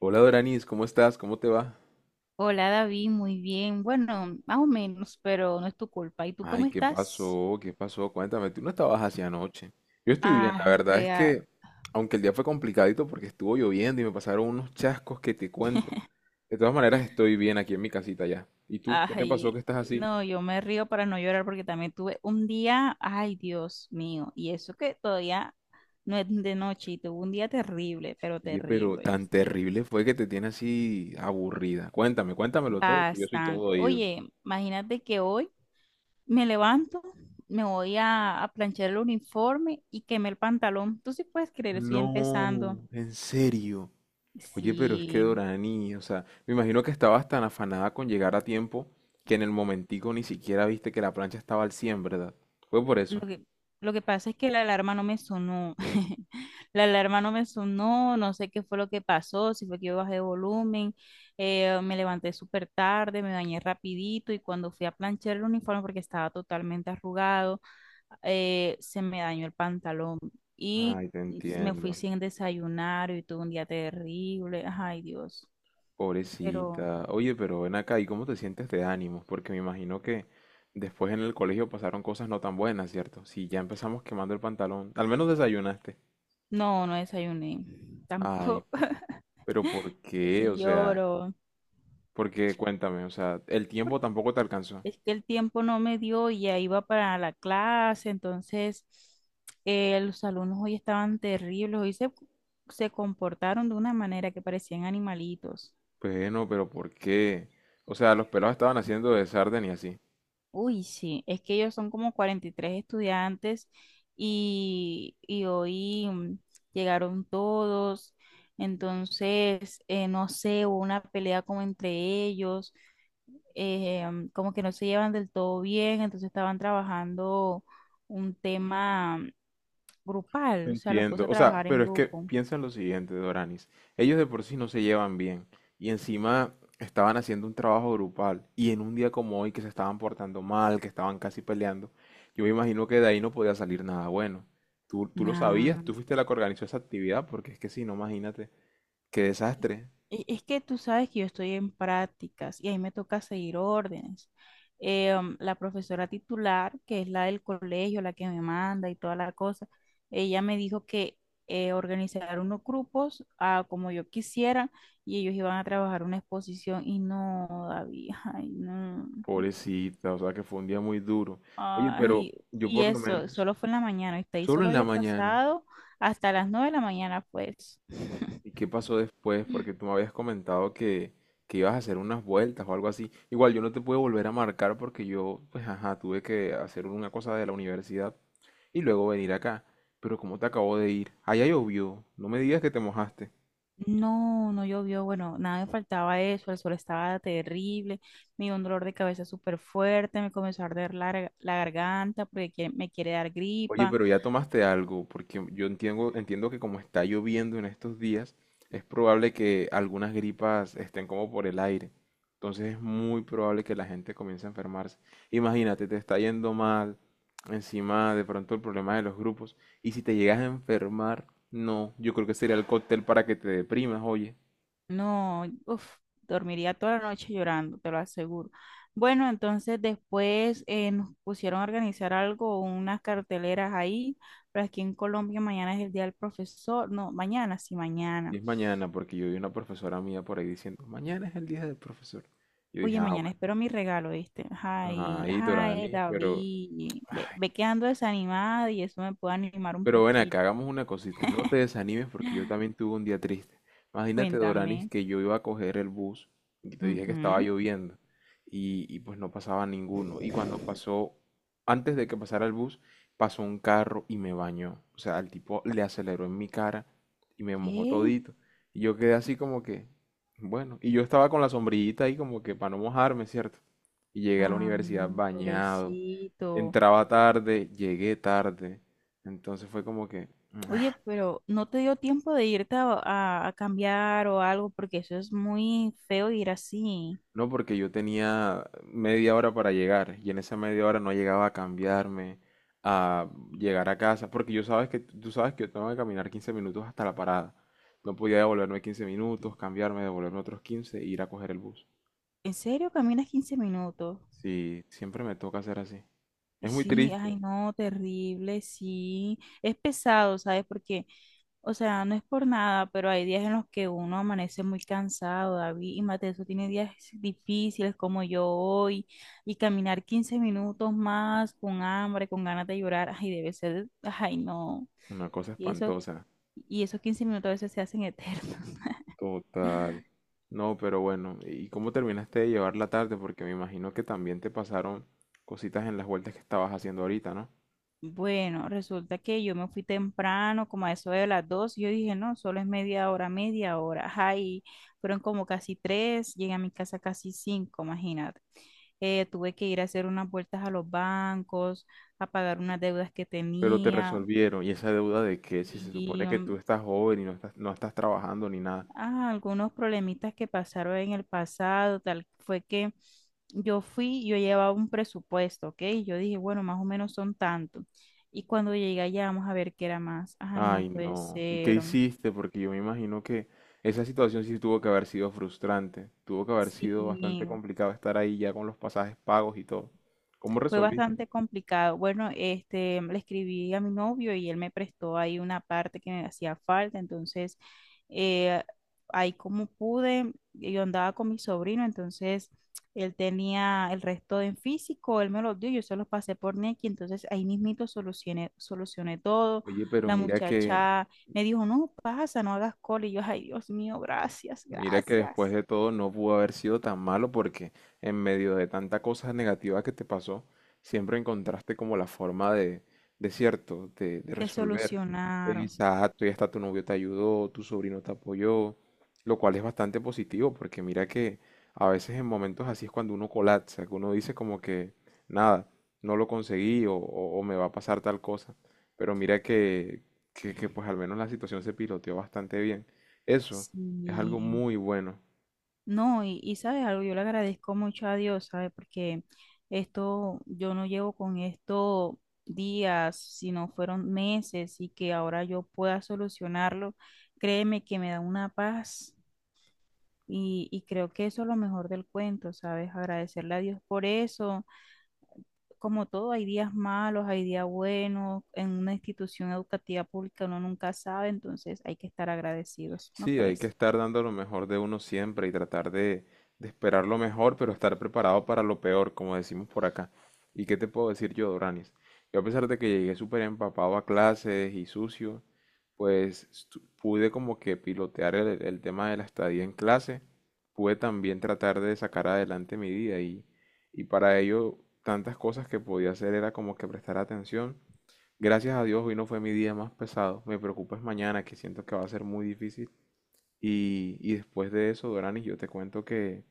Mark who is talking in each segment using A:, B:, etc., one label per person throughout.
A: Hola Doranis, ¿cómo estás? ¿Cómo te va?
B: Hola David, muy bien. Bueno, más o menos, pero no es tu culpa. ¿Y tú cómo
A: Ay, ¿qué
B: estás?
A: pasó? ¿Qué pasó? Cuéntame, tú no estabas así anoche. Yo estoy bien, la
B: Ah,
A: verdad es
B: rea-
A: que, aunque el día fue complicadito porque estuvo lloviendo y me pasaron unos chascos que te cuento, de todas maneras estoy bien aquí en mi casita ya. ¿Y tú? ¿Qué te pasó que
B: Ay,
A: estás así?
B: no, yo me río para no llorar porque también tuve un día, ay, Dios mío, y eso que todavía no es de noche y tuve un día terrible, pero
A: Oye, pero
B: terrible,
A: tan
B: ¿viste?
A: terrible fue que te tiene así aburrida. Cuéntame, cuéntamelo todo, que yo soy todo
B: Bastante.
A: oído.
B: Oye, imagínate que hoy me levanto, me voy a planchar el uniforme y quemé el pantalón. ¿Tú sí puedes creer? Estoy
A: No,
B: empezando.
A: en serio. Oye, pero es que
B: Sí.
A: Dorani, o sea, me imagino que estabas tan afanada con llegar a tiempo que en el momentico ni siquiera viste que la plancha estaba al 100, ¿verdad? Fue por eso.
B: Lo que pasa es que la alarma no me sonó. La alarma no me sonó, no sé qué fue lo que pasó, si fue que yo bajé de volumen, me levanté súper tarde, me bañé rapidito y cuando fui a planchar el uniforme porque estaba totalmente arrugado, se me dañó el pantalón y
A: Ay, te
B: me fui
A: entiendo.
B: sin desayunar y tuve un día terrible. Ay, Dios. Pero
A: Pobrecita. Oye, pero ven acá, ¿y cómo te sientes de ánimos? Porque me imagino que después en el colegio pasaron cosas no tan buenas, ¿cierto? Si ya empezamos quemando el pantalón, al menos desayunaste.
B: no, no desayuné
A: Ay,
B: tampoco.
A: pero ¿por qué?
B: Sí
A: O sea,
B: lloro.
A: porque cuéntame, o sea, el tiempo tampoco te alcanzó.
B: Es que el tiempo no me dio y ya iba para la clase, entonces los alumnos hoy estaban terribles, hoy se comportaron de una manera que parecían animalitos.
A: Bueno, pero ¿por qué? O sea, los pelados estaban haciendo de sarden y así.
B: Uy, sí, es que ellos son como 43 estudiantes y hoy llegaron todos, entonces, no sé, hubo una pelea como entre ellos, como que no se llevan del todo bien, entonces estaban trabajando un tema
A: No
B: grupal, o sea, los puse
A: entiendo.
B: a
A: O sea,
B: trabajar en
A: pero es que
B: grupo.
A: piensa en lo siguiente, Doranis. Ellos de por sí no se llevan bien. Y encima estaban haciendo un trabajo grupal. Y en un día como hoy que se estaban portando mal, que estaban casi peleando, yo me imagino que de ahí no podía salir nada bueno. Tú lo sabías,
B: Nada.
A: tú fuiste la que organizó esa actividad, porque es que si no, imagínate, qué
B: Es
A: desastre.
B: es que tú sabes que yo estoy en prácticas y ahí me toca seguir órdenes. La profesora titular, que es la del colegio, la que me manda y toda la cosa, ella me dijo que organizar unos grupos como yo quisiera y ellos iban a trabajar una exposición y no, David, ay, no.
A: Pobrecita, o sea que fue un día muy duro. Oye, pero
B: Ay,
A: yo
B: y
A: por lo
B: eso,
A: menos,
B: solo fue en la mañana, y ahí
A: solo
B: solo
A: en la
B: había
A: mañana.
B: pasado hasta las nueve de la mañana, pues.
A: ¿Y qué pasó después? Porque tú me habías comentado que ibas a hacer unas vueltas o algo así. Igual yo no te pude volver a marcar porque yo, pues ajá, tuve que hacer una cosa de la universidad y luego venir acá. Pero ¿cómo te acabo de ir? Allá llovió. No me digas que te mojaste.
B: No, no llovió, bueno, nada me faltaba eso, el sol estaba terrible, me dio un dolor de cabeza súper fuerte, me comenzó a arder la, la garganta porque me quiere dar
A: Oye,
B: gripa,
A: pero ya tomaste algo, porque yo entiendo, entiendo que como está lloviendo en estos días, es probable que algunas gripas estén como por el aire. Entonces es muy probable que la gente comience a enfermarse. Imagínate, te está yendo mal, encima de pronto el problema de los grupos, y si te llegas a enfermar, no, yo creo que sería el cóctel para que te deprimas, oye.
B: no, uff, dormiría toda la noche llorando, te lo aseguro. Bueno, entonces después nos pusieron a organizar algo, unas carteleras ahí, pero aquí en Colombia mañana es el día del profesor, no, mañana, sí,
A: Y
B: mañana.
A: es mañana, porque yo vi una profesora mía por ahí diciendo, mañana es el día del profesor. Yo dije,
B: Oye,
A: ah,
B: mañana
A: bueno,
B: espero mi regalo, ¿viste? Ay,
A: ay,
B: ay,
A: Dorani, pero...
B: David, ve, ve quedando ando desanimada y eso me puede animar un
A: Pero ven
B: poquito.
A: acá, hagamos una cosita. No te desanimes porque yo también tuve un día triste. Imagínate, Doranis,
B: Cuéntame.
A: que yo iba a coger el bus y te dije que estaba
B: Ujú.
A: lloviendo y pues no pasaba ninguno. Y cuando pasó, antes de que pasara el bus, pasó un carro y me bañó. O sea, el tipo le aceleró en mi cara y me mojó
B: ¿Qué?
A: todito. Y yo quedé así como que, bueno, y yo estaba con la sombrillita ahí como que para no mojarme, ¿cierto? Y llegué a la
B: Ah,
A: universidad bañado.
B: pobrecito.
A: Entraba tarde, llegué tarde. Entonces fue como que, "Mm,
B: Oye, pero no te dio tiempo de irte a cambiar o algo, porque eso es muy feo ir así.
A: no, porque yo tenía media hora para llegar y en esa media hora no llegaba a cambiarme, a llegar a casa, porque yo sabes que tú sabes que yo tengo que caminar 15 minutos hasta la parada. No podía devolverme 15 minutos, cambiarme, devolverme otros 15 e ir a coger el bus.
B: ¿En serio caminas 15 minutos?
A: Sí, siempre me toca hacer así. Es muy
B: Sí, ay,
A: triste,
B: no, terrible, sí. Es pesado, ¿sabes? Porque, o sea, no es por nada, pero hay días en los que uno amanece muy cansado, David, y Mateo eso tiene días difíciles como yo hoy, y caminar 15 minutos más con hambre, con ganas de llorar, ay, debe ser, ay, no.
A: una cosa
B: Y eso,
A: espantosa.
B: y esos 15 minutos a veces se hacen eternos.
A: Total. No, pero bueno, ¿y cómo terminaste de llevar la tarde? Porque me imagino que también te pasaron cositas en las vueltas que estabas haciendo ahorita, ¿no?
B: Bueno, resulta que yo me fui temprano, como a eso de las dos, y yo dije, no, solo es media hora, ay, fueron como casi tres, llegué a mi casa casi cinco, imagínate. Tuve que ir a hacer unas vueltas a los bancos, a pagar unas deudas que
A: Pero te
B: tenía
A: resolvieron. ¿Y esa deuda de qué? Si se
B: y
A: supone que tú estás joven y no estás trabajando ni nada.
B: algunos problemitas que pasaron en el pasado, tal fue que yo fui, yo llevaba un presupuesto, ¿ok? Yo dije, bueno, más o menos son tanto. Y cuando llegué allá, vamos a ver qué era más. Ay, no
A: Ay,
B: puede
A: no. ¿Y qué
B: ser.
A: hiciste? Porque yo me imagino que esa situación sí tuvo que haber sido frustrante. Tuvo que haber sido bastante
B: Sí,
A: complicado estar ahí ya con los pasajes pagos y todo. ¿Cómo
B: fue
A: resolviste?
B: bastante complicado. Bueno, este, le escribí a mi novio y él me prestó ahí una parte que me hacía falta. Entonces, eh, ahí como pude, yo andaba con mi sobrino, entonces él tenía el resto en físico, él me lo dio, yo se los pasé por Nequi, entonces ahí mismito solucioné, solucioné todo.
A: Oye, pero
B: La
A: mira que
B: muchacha me dijo, no, pasa, no hagas cola. Y yo, ay, Dios mío, gracias,
A: mira que después
B: gracias.
A: de todo no pudo haber sido tan malo porque en medio de tanta cosa negativa que te pasó, siempre encontraste como la forma de cierto, de
B: Te
A: resolver.
B: solucionaron.
A: Exacto, y hasta tu novio te ayudó, tu sobrino te apoyó, lo cual es bastante positivo porque mira que a veces en momentos así es cuando uno colapsa, que uno dice como que nada, no lo conseguí o me va a pasar tal cosa. Pero mira que pues al menos la situación se piloteó bastante bien. Eso, es algo
B: Sí.
A: muy bueno.
B: No, y sabes algo, yo le agradezco mucho a Dios, ¿sabes? Porque esto, yo no llevo con esto días, sino fueron meses, y que ahora yo pueda solucionarlo, créeme que me da una paz, y creo que eso es lo mejor del cuento, ¿sabes? Agradecerle a Dios por eso. Como todo, hay días malos, hay días buenos, en una institución educativa pública uno nunca sabe, entonces hay que estar agradecidos, ¿no
A: Sí, hay que
B: crees?
A: estar dando lo mejor de uno siempre y tratar de esperar lo mejor, pero estar preparado para lo peor, como decimos por acá. ¿Y qué te puedo decir yo, Doranis? Yo a pesar de que llegué súper empapado a clases y sucio, pues pude como que pilotear el tema de la estadía en clase, pude también tratar de sacar adelante mi día y para ello tantas cosas que podía hacer era como que prestar atención. Gracias a Dios, hoy no fue mi día más pesado. Me preocupa es mañana, que siento que va a ser muy difícil. Y después de eso, Doranis, yo te cuento que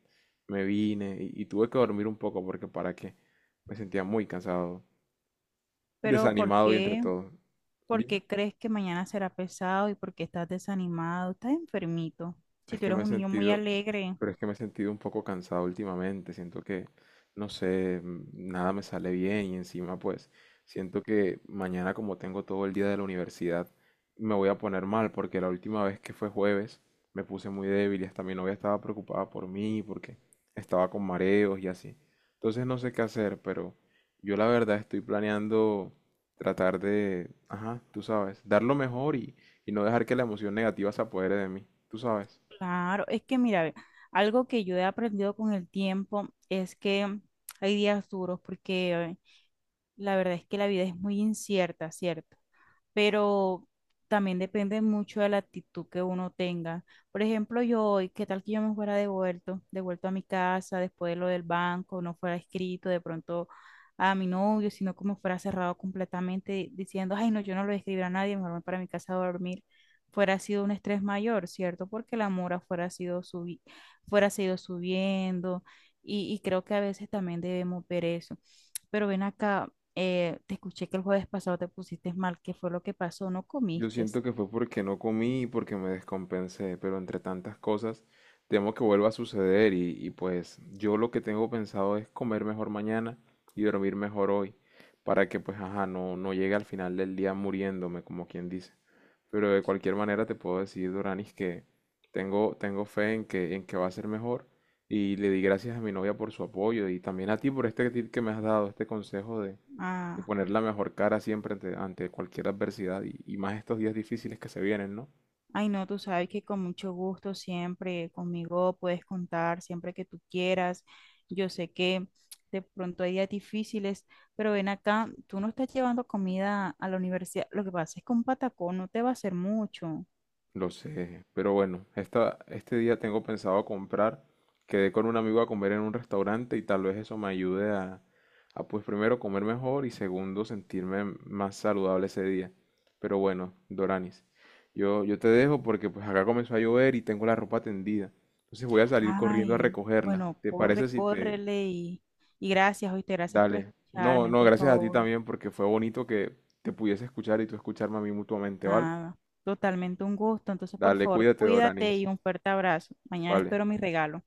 A: me vine y tuve que dormir un poco porque para qué. Me sentía muy cansado,
B: ¿Pero por
A: desanimado y entre
B: qué?
A: todo.
B: ¿Por
A: Dime.
B: qué crees que mañana será pesado y por qué estás desanimado? Estás enfermito. Si
A: Es
B: tú
A: que
B: eres
A: me he
B: un niño muy
A: sentido,
B: alegre,
A: pero es que me he sentido un poco cansado últimamente. Siento que, no sé, nada me sale bien y encima pues siento que mañana como tengo todo el día de la universidad me voy a poner mal porque la última vez que fue jueves me puse muy débil y hasta mi novia estaba preocupada por mí porque estaba con mareos y así. Entonces no sé qué hacer, pero yo la verdad estoy planeando tratar de, ajá, tú sabes, dar lo mejor y no dejar que la emoción negativa se apodere de mí, tú sabes.
B: claro. Es que mira, ve, algo que yo he aprendido con el tiempo es que hay días duros porque la verdad es que la vida es muy incierta, ¿cierto? Pero también depende mucho de la actitud que uno tenga. Por ejemplo, yo hoy, ¿qué tal que yo me fuera devuelto, devuelto a mi casa después de lo del banco, no fuera escrito de pronto a mi novio, sino como fuera cerrado completamente diciendo, ay, no, yo no lo escribí a nadie, mejor me voy para mi casa a dormir, fuera sido un estrés mayor, ¿cierto? Porque la mora fuera sido fuera sido subiendo, y creo que a veces también debemos ver eso. Pero ven acá, te escuché que el jueves pasado te pusiste mal. ¿Qué fue lo que pasó? ¿No
A: Yo
B: comiste?
A: siento que fue porque no comí y porque me descompensé, pero entre tantas cosas temo que vuelva a suceder y pues yo lo que tengo pensado es comer mejor mañana y dormir mejor hoy para que pues ajá, no llegue al final del día muriéndome como quien dice. Pero de cualquier manera te puedo decir, Doranis, que tengo fe en que va a ser mejor y le di gracias a mi novia por su apoyo y también a ti por este tip que me has dado, este consejo de y
B: Ah,
A: poner la mejor cara siempre ante cualquier adversidad y más estos días difíciles que se vienen, ¿no?
B: ay, no, tú sabes que con mucho gusto siempre conmigo puedes contar siempre que tú quieras. Yo sé que de pronto hay días difíciles, pero ven acá, tú no estás llevando comida a la universidad. Lo que pasa es que un patacón no te va a hacer mucho.
A: Lo sé, pero bueno, este día tengo pensado comprar, quedé con un amigo a comer en un restaurante y tal vez eso me ayude a pues primero comer mejor y segundo sentirme más saludable ese día. Pero bueno, Doranis, yo te dejo porque pues acá comenzó a llover y tengo la ropa tendida. Entonces voy a salir corriendo a
B: Ay,
A: recogerla.
B: bueno,
A: ¿Te
B: corre,
A: parece si te,
B: córrele y gracias, oíste, gracias por
A: dale. No,
B: escucharme,
A: no,
B: por
A: gracias a ti
B: favor.
A: también porque fue bonito que te pudiese escuchar y tú escucharme a mí mutuamente, ¿vale?
B: Nada, totalmente un gusto. Entonces, por
A: Dale,
B: favor,
A: cuídate,
B: cuídate
A: Doranis.
B: y un fuerte abrazo. Mañana
A: Vale.
B: espero mi regalo.